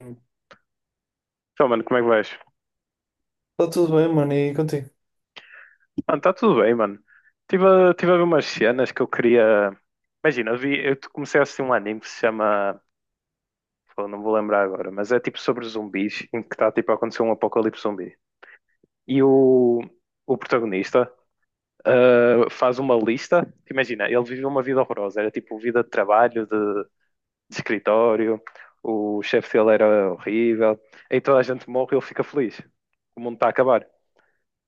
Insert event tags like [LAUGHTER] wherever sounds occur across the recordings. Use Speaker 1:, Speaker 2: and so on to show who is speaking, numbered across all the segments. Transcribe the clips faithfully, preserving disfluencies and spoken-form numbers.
Speaker 1: Então, mano, como é que vais?
Speaker 2: Está tudo bem, mano, e contigo?
Speaker 1: Mano, está tudo bem, mano. Estive a, tive a ver umas cenas que eu queria. Imagina, eu, vi, eu comecei a assistir um anime que se chama. Pô, não vou lembrar agora, mas é tipo sobre zumbis, em que está tipo a acontecer um apocalipse zumbi. E o, o protagonista ah, faz uma lista. Imagina, ele viveu uma vida horrorosa. Era tipo vida de trabalho, de, de escritório. O chefe dele era horrível. Aí toda a gente morre e ele fica feliz. O mundo está a acabar.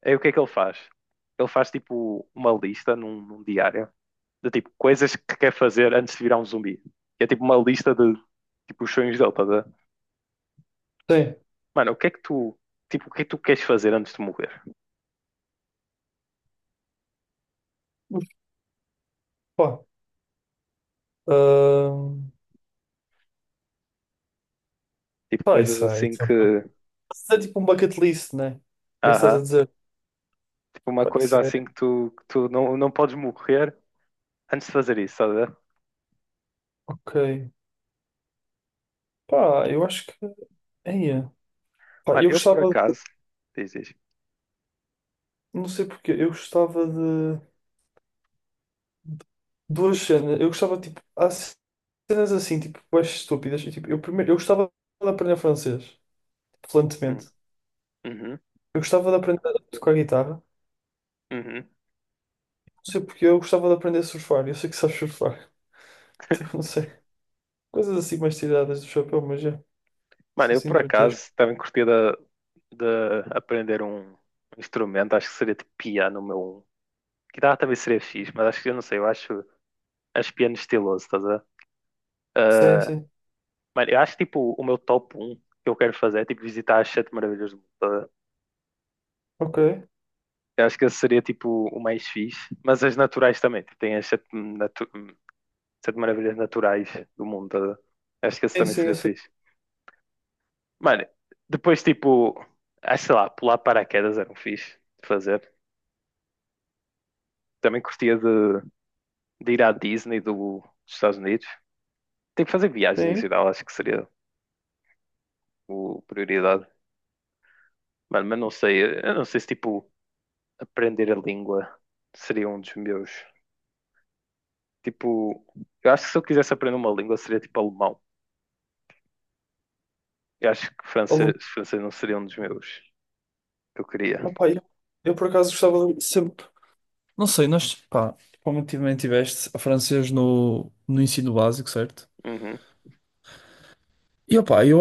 Speaker 1: Aí o que é que ele faz? Ele faz tipo uma lista num, num diário de tipo coisas que quer fazer antes de virar um zumbi. E é tipo uma lista de tipo os sonhos dele, tá a ver?
Speaker 2: Sim.
Speaker 1: Mano, o que é que tu, tipo, o que é que tu queres fazer antes de morrer?
Speaker 2: Mas, pá, ahm,
Speaker 1: Tipo
Speaker 2: pá,
Speaker 1: coisas
Speaker 2: isso é,
Speaker 1: assim
Speaker 2: isso
Speaker 1: que,
Speaker 2: é, isso é tipo um bucket list, né? É isso que estás a
Speaker 1: aham,
Speaker 2: dizer?
Speaker 1: tipo uma
Speaker 2: Pá,
Speaker 1: coisa
Speaker 2: isso é,
Speaker 1: assim que tu, que tu não, não podes morrer antes de fazer isso, tá a ver?
Speaker 2: ok. Pá, eu acho que, eia, pá,
Speaker 1: Mano,
Speaker 2: eu
Speaker 1: eu por
Speaker 2: gostava, de,
Speaker 1: acaso, diz, diz.
Speaker 2: não sei porquê, eu gostava de duas cenas, eu gostava, tipo, há cenas assim, tipo, mais estúpidas, e, tipo, eu primeiro, eu gostava de aprender francês, fluentemente.
Speaker 1: Hum, Uhum,
Speaker 2: Eu gostava de aprender a tocar guitarra,
Speaker 1: uhum.
Speaker 2: não sei porque eu gostava de aprender a surfar, eu sei que sabes surfar, [LAUGHS] então não sei. Coisas assim mais tiradas do chapéu, mas é.
Speaker 1: Mano,
Speaker 2: Sim,
Speaker 1: eu
Speaker 2: sem
Speaker 1: por acaso também curtia de, de aprender um instrumento, acho que seria de piano, o meu. Um. Guitarra também seria fixe, mas acho que eu não sei, eu acho, acho piano estiloso, estás a ver?
Speaker 2: sim,
Speaker 1: Ah,
Speaker 2: sim.
Speaker 1: mano, eu acho que tipo o meu top um que eu quero fazer é tipo visitar as sete maravilhas do mundo, estás a ver?
Speaker 2: Ok.
Speaker 1: Eu acho que esse seria tipo o mais fixe, mas as naturais também, tipo, tem as sete, natu- sete maravilhas naturais do mundo, estás a ver? Acho que esse
Speaker 2: Sim,
Speaker 1: também
Speaker 2: sim, eu
Speaker 1: seria
Speaker 2: sei.
Speaker 1: fixe. Mano, depois tipo, acho sei lá, pular paraquedas era um fixe de fazer. Também curtia de, de ir à Disney do- dos Estados Unidos. Tipo, fazer viagens em
Speaker 2: Sim.
Speaker 1: geral, acho que seria o prioridade. Mano, mas não sei, eu não sei se tipo aprender a língua seria um dos meus. Tipo, eu acho que se eu quisesse aprender uma língua seria tipo alemão. Eu acho que francês,
Speaker 2: Alu-
Speaker 1: francês não seria um dos meus que eu queria.
Speaker 2: Opa, eu, eu por acaso gostava de sempre. Não sei, nós, pá, provavelmente tiveste a francês no, no ensino básico, certo?
Speaker 1: Uhum.
Speaker 2: E opá, eu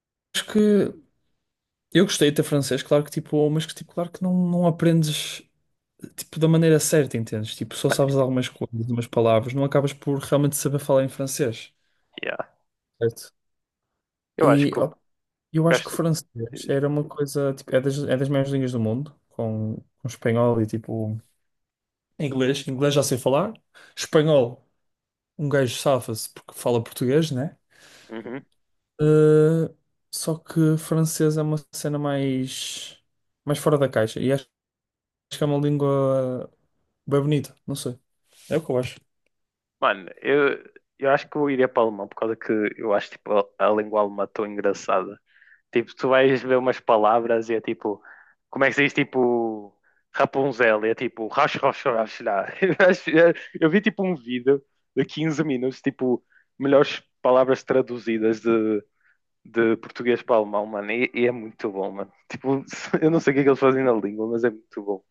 Speaker 2: acho que eu gostei de ter francês, claro que tipo, mas que tipo, claro que não, não aprendes tipo da maneira certa, entendes? Tipo, só
Speaker 1: Mano,
Speaker 2: sabes algumas coisas, algumas palavras, não acabas por realmente saber falar em francês,
Speaker 1: yeah.
Speaker 2: certo?
Speaker 1: Eu acho
Speaker 2: E
Speaker 1: que eu
Speaker 2: ó, eu acho que o
Speaker 1: gasto.
Speaker 2: francês era uma coisa, tipo, é das, é das maiores línguas do mundo, com, com espanhol e tipo inglês. Inglês já sei falar. Espanhol, um gajo safa-se porque fala português, né?
Speaker 1: Uhum.
Speaker 2: Uh, Só que francês é uma cena mais, mais fora da caixa. E acho, que é uma língua bem bonita. Não sei. É o que eu acho.
Speaker 1: Mano, eu, eu acho que eu iria para o alemão por causa que eu acho tipo a, a língua alemã tão engraçada. Tipo, tu vais ver umas palavras e é tipo, como é que se diz, tipo, Rapunzel, e é tipo, rash, rash, rash, lá. [LAUGHS] Eu vi tipo um vídeo de quinze minutos, tipo, melhores palavras traduzidas de, de português para alemão, mano, e, e é muito bom, mano. Tipo, [LAUGHS] eu não sei o que é que eles fazem na língua, mas é muito bom.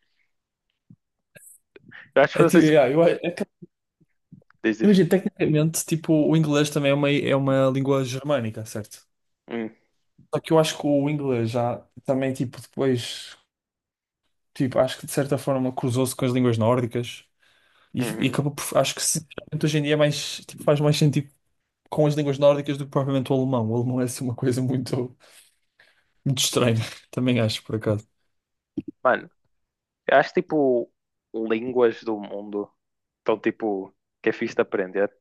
Speaker 1: Eu acho que
Speaker 2: É, tipo,
Speaker 1: vocês
Speaker 2: yeah, eu, é,
Speaker 1: dizem,
Speaker 2: imagina, tecnicamente, tipo, o inglês também é uma, é uma língua germânica, certo?
Speaker 1: hum,
Speaker 2: Só que eu acho que o inglês já também, tipo, depois, tipo, acho que de certa forma cruzou-se com as línguas nórdicas e, e
Speaker 1: uhum.
Speaker 2: acabou por, acho que sinceramente, hoje em dia é mais, tipo, faz mais sentido com as línguas nórdicas do que propriamente o alemão. O alemão é assim uma coisa muito, muito estranha, [LAUGHS] também acho, por acaso.
Speaker 1: Mano, eu acho tipo, línguas do mundo estão tipo, que é fixe de aprender.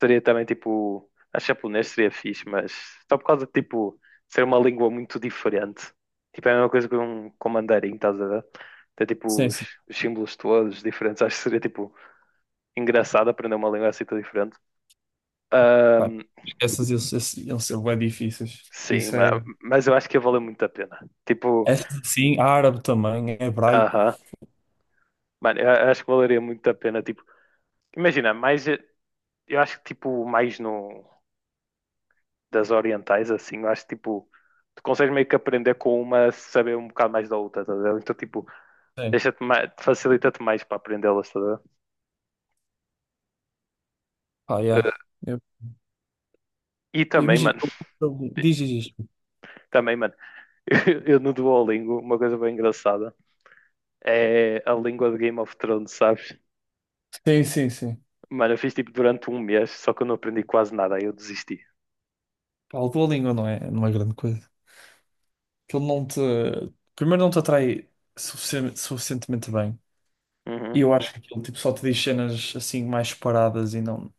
Speaker 1: Seria também tipo. Acho que japonês seria fixe, mas só por causa de tipo ser uma língua muito diferente. Tipo, é a mesma coisa que um com mandarim, estás a ver? Tem tipo
Speaker 2: Sim,
Speaker 1: os,
Speaker 2: sim.
Speaker 1: os símbolos todos diferentes. Acho que seria tipo engraçado aprender uma língua assim tão diferente.
Speaker 2: Pá,
Speaker 1: Ahm,
Speaker 2: Essas, esses, esses, eles são bem difíceis. Que
Speaker 1: sim,
Speaker 2: isso
Speaker 1: ma-
Speaker 2: é.
Speaker 1: mas eu acho que ia valer muito a pena. Tipo,
Speaker 2: Essas sim, árabe também, é hebraico.
Speaker 1: aham. Mano, eu acho que valeria muito a pena. Tipo, imagina, mais. Eu acho que tipo mais no. Das orientais, assim, eu acho que tipo, tu consegues meio que aprender com uma, saber um bocado mais da outra, tá a ver? Então, tipo,
Speaker 2: Sim.
Speaker 1: deixa-te mais, facilita-te mais para aprendê-las, tá a ver?
Speaker 2: Pá, yeah.
Speaker 1: Eh,
Speaker 2: Eu,
Speaker 1: E
Speaker 2: eu
Speaker 1: também,
Speaker 2: imagino.
Speaker 1: mano,
Speaker 2: eu- eu- Diz, diz, diz.
Speaker 1: também, mano, [LAUGHS] eu, eu no Duolingo, uma coisa bem engraçada é a língua de Game of Thrones, sabes?
Speaker 2: Sim, sim, sim.
Speaker 1: Mano, eu fiz tipo durante um mês, só que eu não aprendi quase nada, aí eu desisti.
Speaker 2: Pá, a tua língua não é, não é grande coisa. Aquilo não te. Primeiro, não te atrai suficien- suficientemente bem.
Speaker 1: Uhum.
Speaker 2: E eu acho que aquilo tipo, só te diz cenas assim mais paradas e não.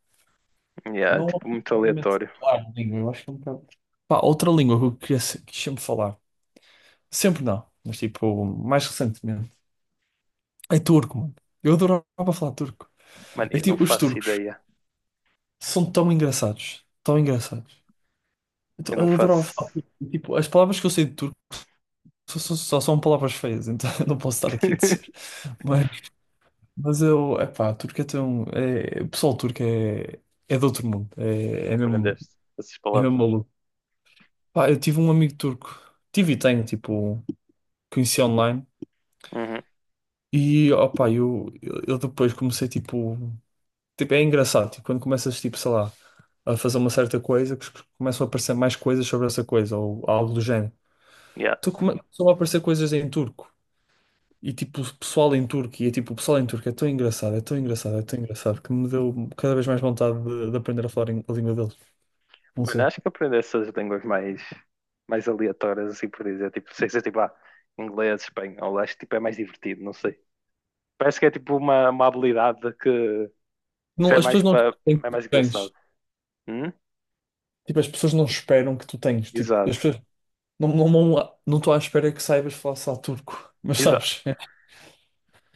Speaker 1: Yeah, é,
Speaker 2: Não
Speaker 1: tipo, muito
Speaker 2: propriamente
Speaker 1: aleatório.
Speaker 2: falar a língua. Eu acho que é um bocado. Pá, outra língua que eu queria se- quis sempre falar. Sempre não, mas tipo, mais recentemente. É turco, mano. Eu adorava falar turco.
Speaker 1: Mano,
Speaker 2: É que,
Speaker 1: eu não
Speaker 2: tipo, os
Speaker 1: faço
Speaker 2: turcos
Speaker 1: ideia.
Speaker 2: são tão engraçados. Tão engraçados. Então,
Speaker 1: Eu não
Speaker 2: eu adorava
Speaker 1: faço.
Speaker 2: falar turco. E tipo, as palavras que eu sei de turco só, só- só são palavras feias, então [LAUGHS] eu não posso estar aqui a dizer.
Speaker 1: [LAUGHS]
Speaker 2: Mas, mas eu, epá, turco é tão. É, o pessoal turco é, é de outro mundo. É, é mesmo,
Speaker 1: Aprendeste essas
Speaker 2: é
Speaker 1: palavras.
Speaker 2: mesmo maluco. Pá, eu tive um amigo turco. Tive e tenho, tipo, conheci online.
Speaker 1: Uhum.
Speaker 2: E opá, eu, eu eu depois comecei, tipo. Tipo, é engraçado, tipo, quando começas, tipo, sei lá, a fazer uma certa coisa que começam a aparecer mais coisas sobre essa coisa ou algo do género.
Speaker 1: Yeah.
Speaker 2: Então come- começam a aparecer coisas em turco e tipo o pessoal em turco e é tipo o pessoal em turco é tão engraçado, é tão engraçado, é tão engraçado que me deu cada vez mais vontade de, de aprender a falar em- a língua deles. Não
Speaker 1: Mano,
Speaker 2: sei.
Speaker 1: acho que aprender essas línguas mais, mais aleatórias, assim por dizer, tipo, sei se é tipo, ah, inglês, espanhol, acho que tipo, é mais divertido, não sei. Parece que é tipo uma, uma habilidade que, que se
Speaker 2: Não,
Speaker 1: é
Speaker 2: as
Speaker 1: mais
Speaker 2: pessoas não
Speaker 1: para,
Speaker 2: têm
Speaker 1: é
Speaker 2: que tu
Speaker 1: mais engraçado.
Speaker 2: tens.
Speaker 1: Hum?
Speaker 2: Tipo, as pessoas não esperam que tu tens. Tipo, as
Speaker 1: Exato,
Speaker 2: pessoas não não não não estou à espera que saibas falar só turco, mas
Speaker 1: exato.
Speaker 2: sabes? [LAUGHS]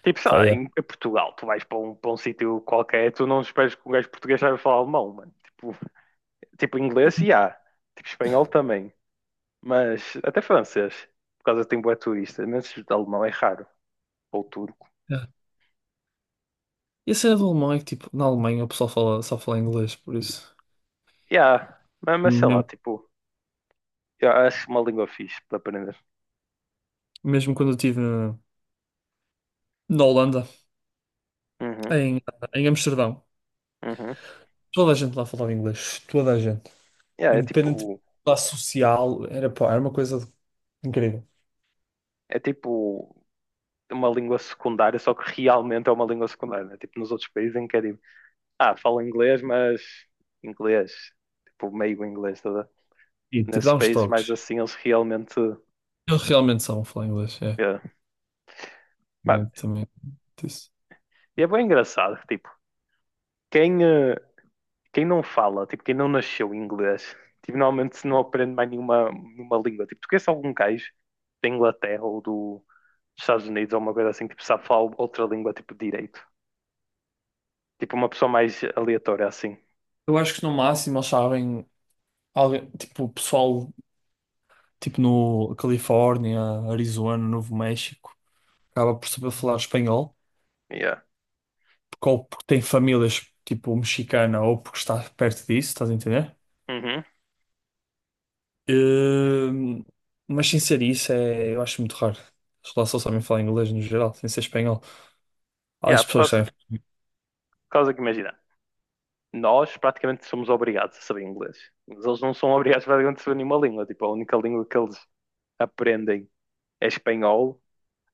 Speaker 1: Tipo, sei
Speaker 2: Pá,
Speaker 1: lá,
Speaker 2: yeah.
Speaker 1: em, em Portugal, tu vais para um, para um sítio qualquer, tu não esperas que um gajo português saiba falar alemão, mano. Tipo, tipo inglês, e há. Tipo, espanhol também. Mas até francês, por causa de tem bué turista, mas alemão é raro. Ou turco.
Speaker 2: Yeah. E a cena do alemão é que, tipo, na Alemanha o pessoal fala, só fala inglês, por isso.
Speaker 1: E há. Mas, mas sei lá,
Speaker 2: Mesmo
Speaker 1: tipo. Eu acho uma língua fixe para aprender.
Speaker 2: mesmo quando eu estive na, na Holanda,
Speaker 1: Uhum,
Speaker 2: em, em Amsterdão.
Speaker 1: uhum.
Speaker 2: Toda a gente lá falava inglês, toda a gente.
Speaker 1: Yeah, é
Speaker 2: Independente da
Speaker 1: tipo,
Speaker 2: classe social, era, pá, era uma coisa incrível.
Speaker 1: é tipo uma língua secundária, só que realmente é uma língua secundária, né? Tipo nos outros países em que é tipo, ah, falo inglês, mas inglês, tipo meio inglês, toda.
Speaker 2: E tipo,
Speaker 1: Nesses
Speaker 2: dá uns
Speaker 1: países mais
Speaker 2: toques.
Speaker 1: assim, eles realmente.
Speaker 2: Eles realmente sabem falar inglês, é.
Speaker 1: Yeah. Mano,
Speaker 2: Também, também disse.
Speaker 1: e é bem engraçado, tipo, quem, eh, quem não fala, tipo, quem não nasceu em inglês, tipo, normalmente se não aprende mais nenhuma, nenhuma língua. Tipo, tu conheces algum gajo da Inglaterra ou do, dos Estados Unidos ou uma coisa assim que tipo, sabe falar outra língua, tipo, direito? Tipo, uma pessoa mais aleatória, assim.
Speaker 2: Eu acho que no máximo eles sabem, alguém, tipo, o pessoal, tipo, no Califórnia, Arizona, Novo México, acaba por saber falar espanhol,
Speaker 1: Yeah.
Speaker 2: porque ou porque tem famílias tipo mexicana ou porque está perto disso, estás a entender?
Speaker 1: Uhum.
Speaker 2: Hum, mas sem ser isso, é, eu acho muito raro. As pessoas só sabem falar inglês no geral, sem ser espanhol. Há
Speaker 1: Yeah,
Speaker 2: as
Speaker 1: por
Speaker 2: pessoas que
Speaker 1: causa, por
Speaker 2: sabem.
Speaker 1: causa que, imagina, nós praticamente somos obrigados a saber inglês. Mas eles não são obrigados praticamente a saber nenhuma língua. Tipo, a única língua que eles aprendem é espanhol.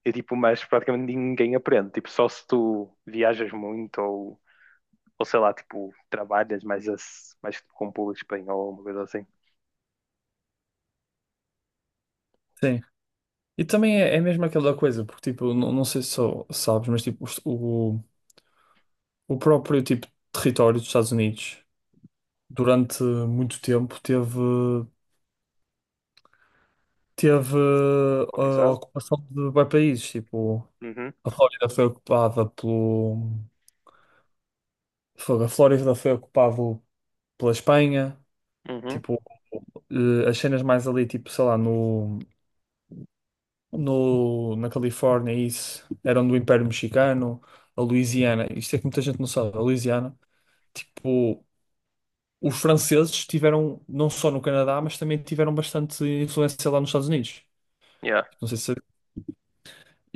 Speaker 1: E, tipo, mas praticamente ninguém aprende. Tipo, só se tu viajas muito ou Ou sei lá, tipo, trabalhas mais, as, mais com público espanhol, uma coisa assim.
Speaker 2: Sim. E também é, é mesmo aquela coisa, porque tipo, não, não sei se só sabes, mas tipo, o, o o próprio tipo território dos Estados Unidos durante muito tempo teve teve eh, a
Speaker 1: Colonizado?
Speaker 2: ocupação de bué países, tipo,
Speaker 1: Uhum,
Speaker 2: a Flórida foi ocupada pelo... fogo, a Flórida foi ocupada pela Espanha,
Speaker 1: uhum,
Speaker 2: tipo, eh, as cenas mais ali, tipo, sei lá, no, no, na Califórnia, isso, eram do Império Mexicano, a Louisiana, isto é que muita gente não sabe, a Louisiana, tipo, os franceses tiveram, não só no Canadá, mas também tiveram bastante influência lá nos Estados Unidos.
Speaker 1: yeah,
Speaker 2: Não sei se,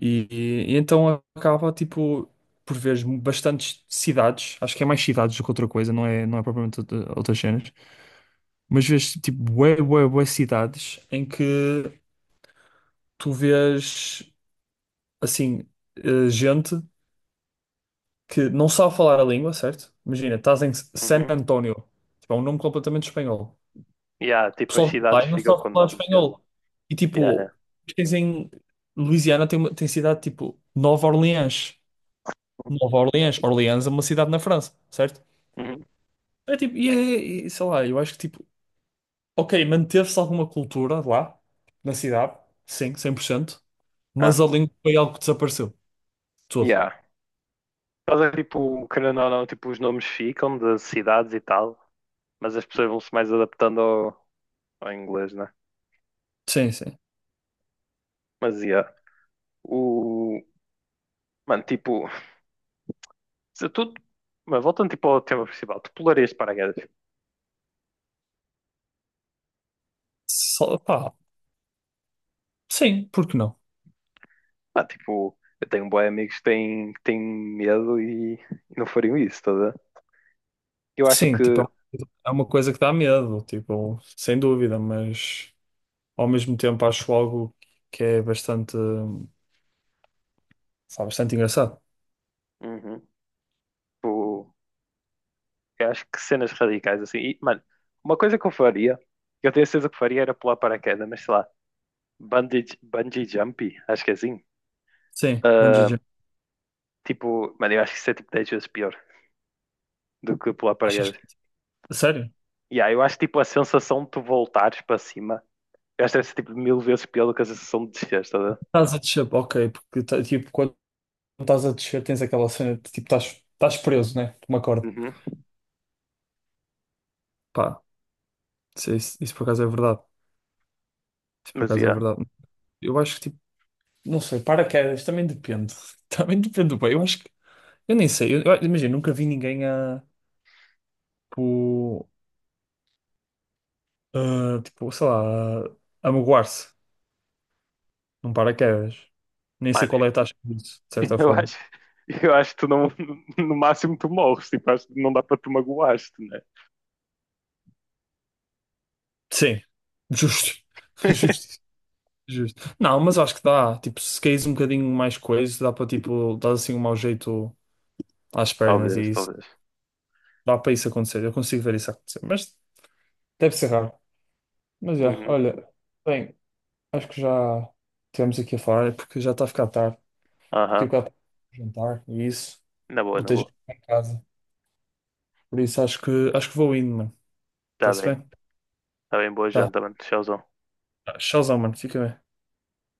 Speaker 2: e, e então acaba, tipo, por veres bastantes cidades, acho que é mais cidades do que outra coisa, não é, não é propriamente outra- outras cenas, mas vês, tipo, bué, bué, bué cidades em que tu vês, assim, eh, gente que não sabe falar a língua, certo? Imagina, estás em San
Speaker 1: uhum.
Speaker 2: Antonio, tipo, é um nome completamente espanhol.
Speaker 1: Yeah,
Speaker 2: O
Speaker 1: tipo, as
Speaker 2: pessoal de
Speaker 1: cidades
Speaker 2: lá e não
Speaker 1: ficam
Speaker 2: sabe
Speaker 1: com
Speaker 2: falar
Speaker 1: nomes, yeah.
Speaker 2: espanhol. E
Speaker 1: Yeah, yeah.
Speaker 2: tipo, tens em Louisiana tem, uma- tem cidade, tipo, Nova Orleans. Nova Orleans. Orleans é uma cidade na França, certo?
Speaker 1: Uhum.
Speaker 2: É tipo, e, é- e sei lá, eu acho que tipo, ok, manteve-se alguma cultura lá, na cidade, sim, cem por cento.
Speaker 1: Ah,
Speaker 2: Mas a língua foi algo que desapareceu, tudo.
Speaker 1: yeah. Mas é tipo, querendo ou não, tipo, os nomes ficam das cidades e tal, mas as pessoas vão-se mais adaptando ao, ao inglês, né?
Speaker 2: Sim, sim.
Speaker 1: Mas yeah. O. Mano, tipo, se tu. Mas voltando tipo ao tema principal, tu pularias de paraquedas.
Speaker 2: Só, pá, sim, porque não?
Speaker 1: Ah, tipo, eu tenho bué amigos que têm, que têm medo e, e não fariam isso, estás a ver? Eu acho
Speaker 2: Sim, tipo,
Speaker 1: que,
Speaker 2: é uma coisa, é uma coisa que dá medo, tipo, sem dúvida, mas ao mesmo tempo acho algo que é bastante, sabe, bastante engraçado.
Speaker 1: uhum, tipo, eu acho que cenas radicais assim. E, mano, uma coisa que eu faria, que eu tenho certeza que faria era pular paraquedas, mas sei lá, bungee, bungee jumping, acho que é assim.
Speaker 2: Sim, bungee
Speaker 1: Ah,
Speaker 2: jump.
Speaker 1: tipo, mano, eu acho que isso é tipo dez vezes pior do que pular
Speaker 2: Achas
Speaker 1: paraquedas.
Speaker 2: que... Sério?
Speaker 1: E aí eu acho tipo a sensação de tu voltares para cima, eu acho que deve ser tipo mil vezes pior do que a sensação de descer, estás a ver?
Speaker 2: Estás a descer, ok, porque tá- tipo, quando estás a descer, tens aquela cena de tipo, estás, estás preso, né? Por uma corda.
Speaker 1: Uhum,
Speaker 2: Pá, isso, isso, isso por acaso é verdade. Isso por
Speaker 1: mas
Speaker 2: acaso é
Speaker 1: yeah.
Speaker 2: verdade. Eu acho que, tipo, não sei, paraquedas também depende. [LAUGHS] Também depende do bem. Eu acho que, eu nem sei. Eu, eu- imagina, nunca vi ninguém a, tipo, a, tipo, sei lá, a, a magoar-se num paraquedas. Nem sei
Speaker 1: Mano,
Speaker 2: qual é a taxa disso, de
Speaker 1: [LAUGHS]
Speaker 2: certa
Speaker 1: Eu
Speaker 2: forma.
Speaker 1: acho, eu acho que tu não, no máximo tu morres, tipo, acho que não dá para tu magoaste, né?
Speaker 2: Sim, justo, [LAUGHS]
Speaker 1: [LAUGHS]
Speaker 2: justo, justo. Não, mas acho que dá. Tipo, se caís um bocadinho mais coisa, dá para, tipo, dar assim um mau jeito às pernas e
Speaker 1: Talvez,
Speaker 2: isso.
Speaker 1: talvez.
Speaker 2: Dá para isso acontecer, eu consigo ver isso acontecer, mas deve ser raro. Mas já,
Speaker 1: Uhum.
Speaker 2: olha, bem, acho que já tivemos aqui a falar, é porque já está a ficar tarde. Daqui
Speaker 1: Aham.
Speaker 2: a bocado jantar e isso,
Speaker 1: Na boa, na
Speaker 2: botei já
Speaker 1: boa.
Speaker 2: em casa. Por isso acho que acho que vou indo, mano.
Speaker 1: Tá
Speaker 2: Está-se
Speaker 1: bem.
Speaker 2: bem?
Speaker 1: Tá bem, boa
Speaker 2: Tá.
Speaker 1: janta, mano. Tchauzão.
Speaker 2: Tchauzão, mano. Fica bem.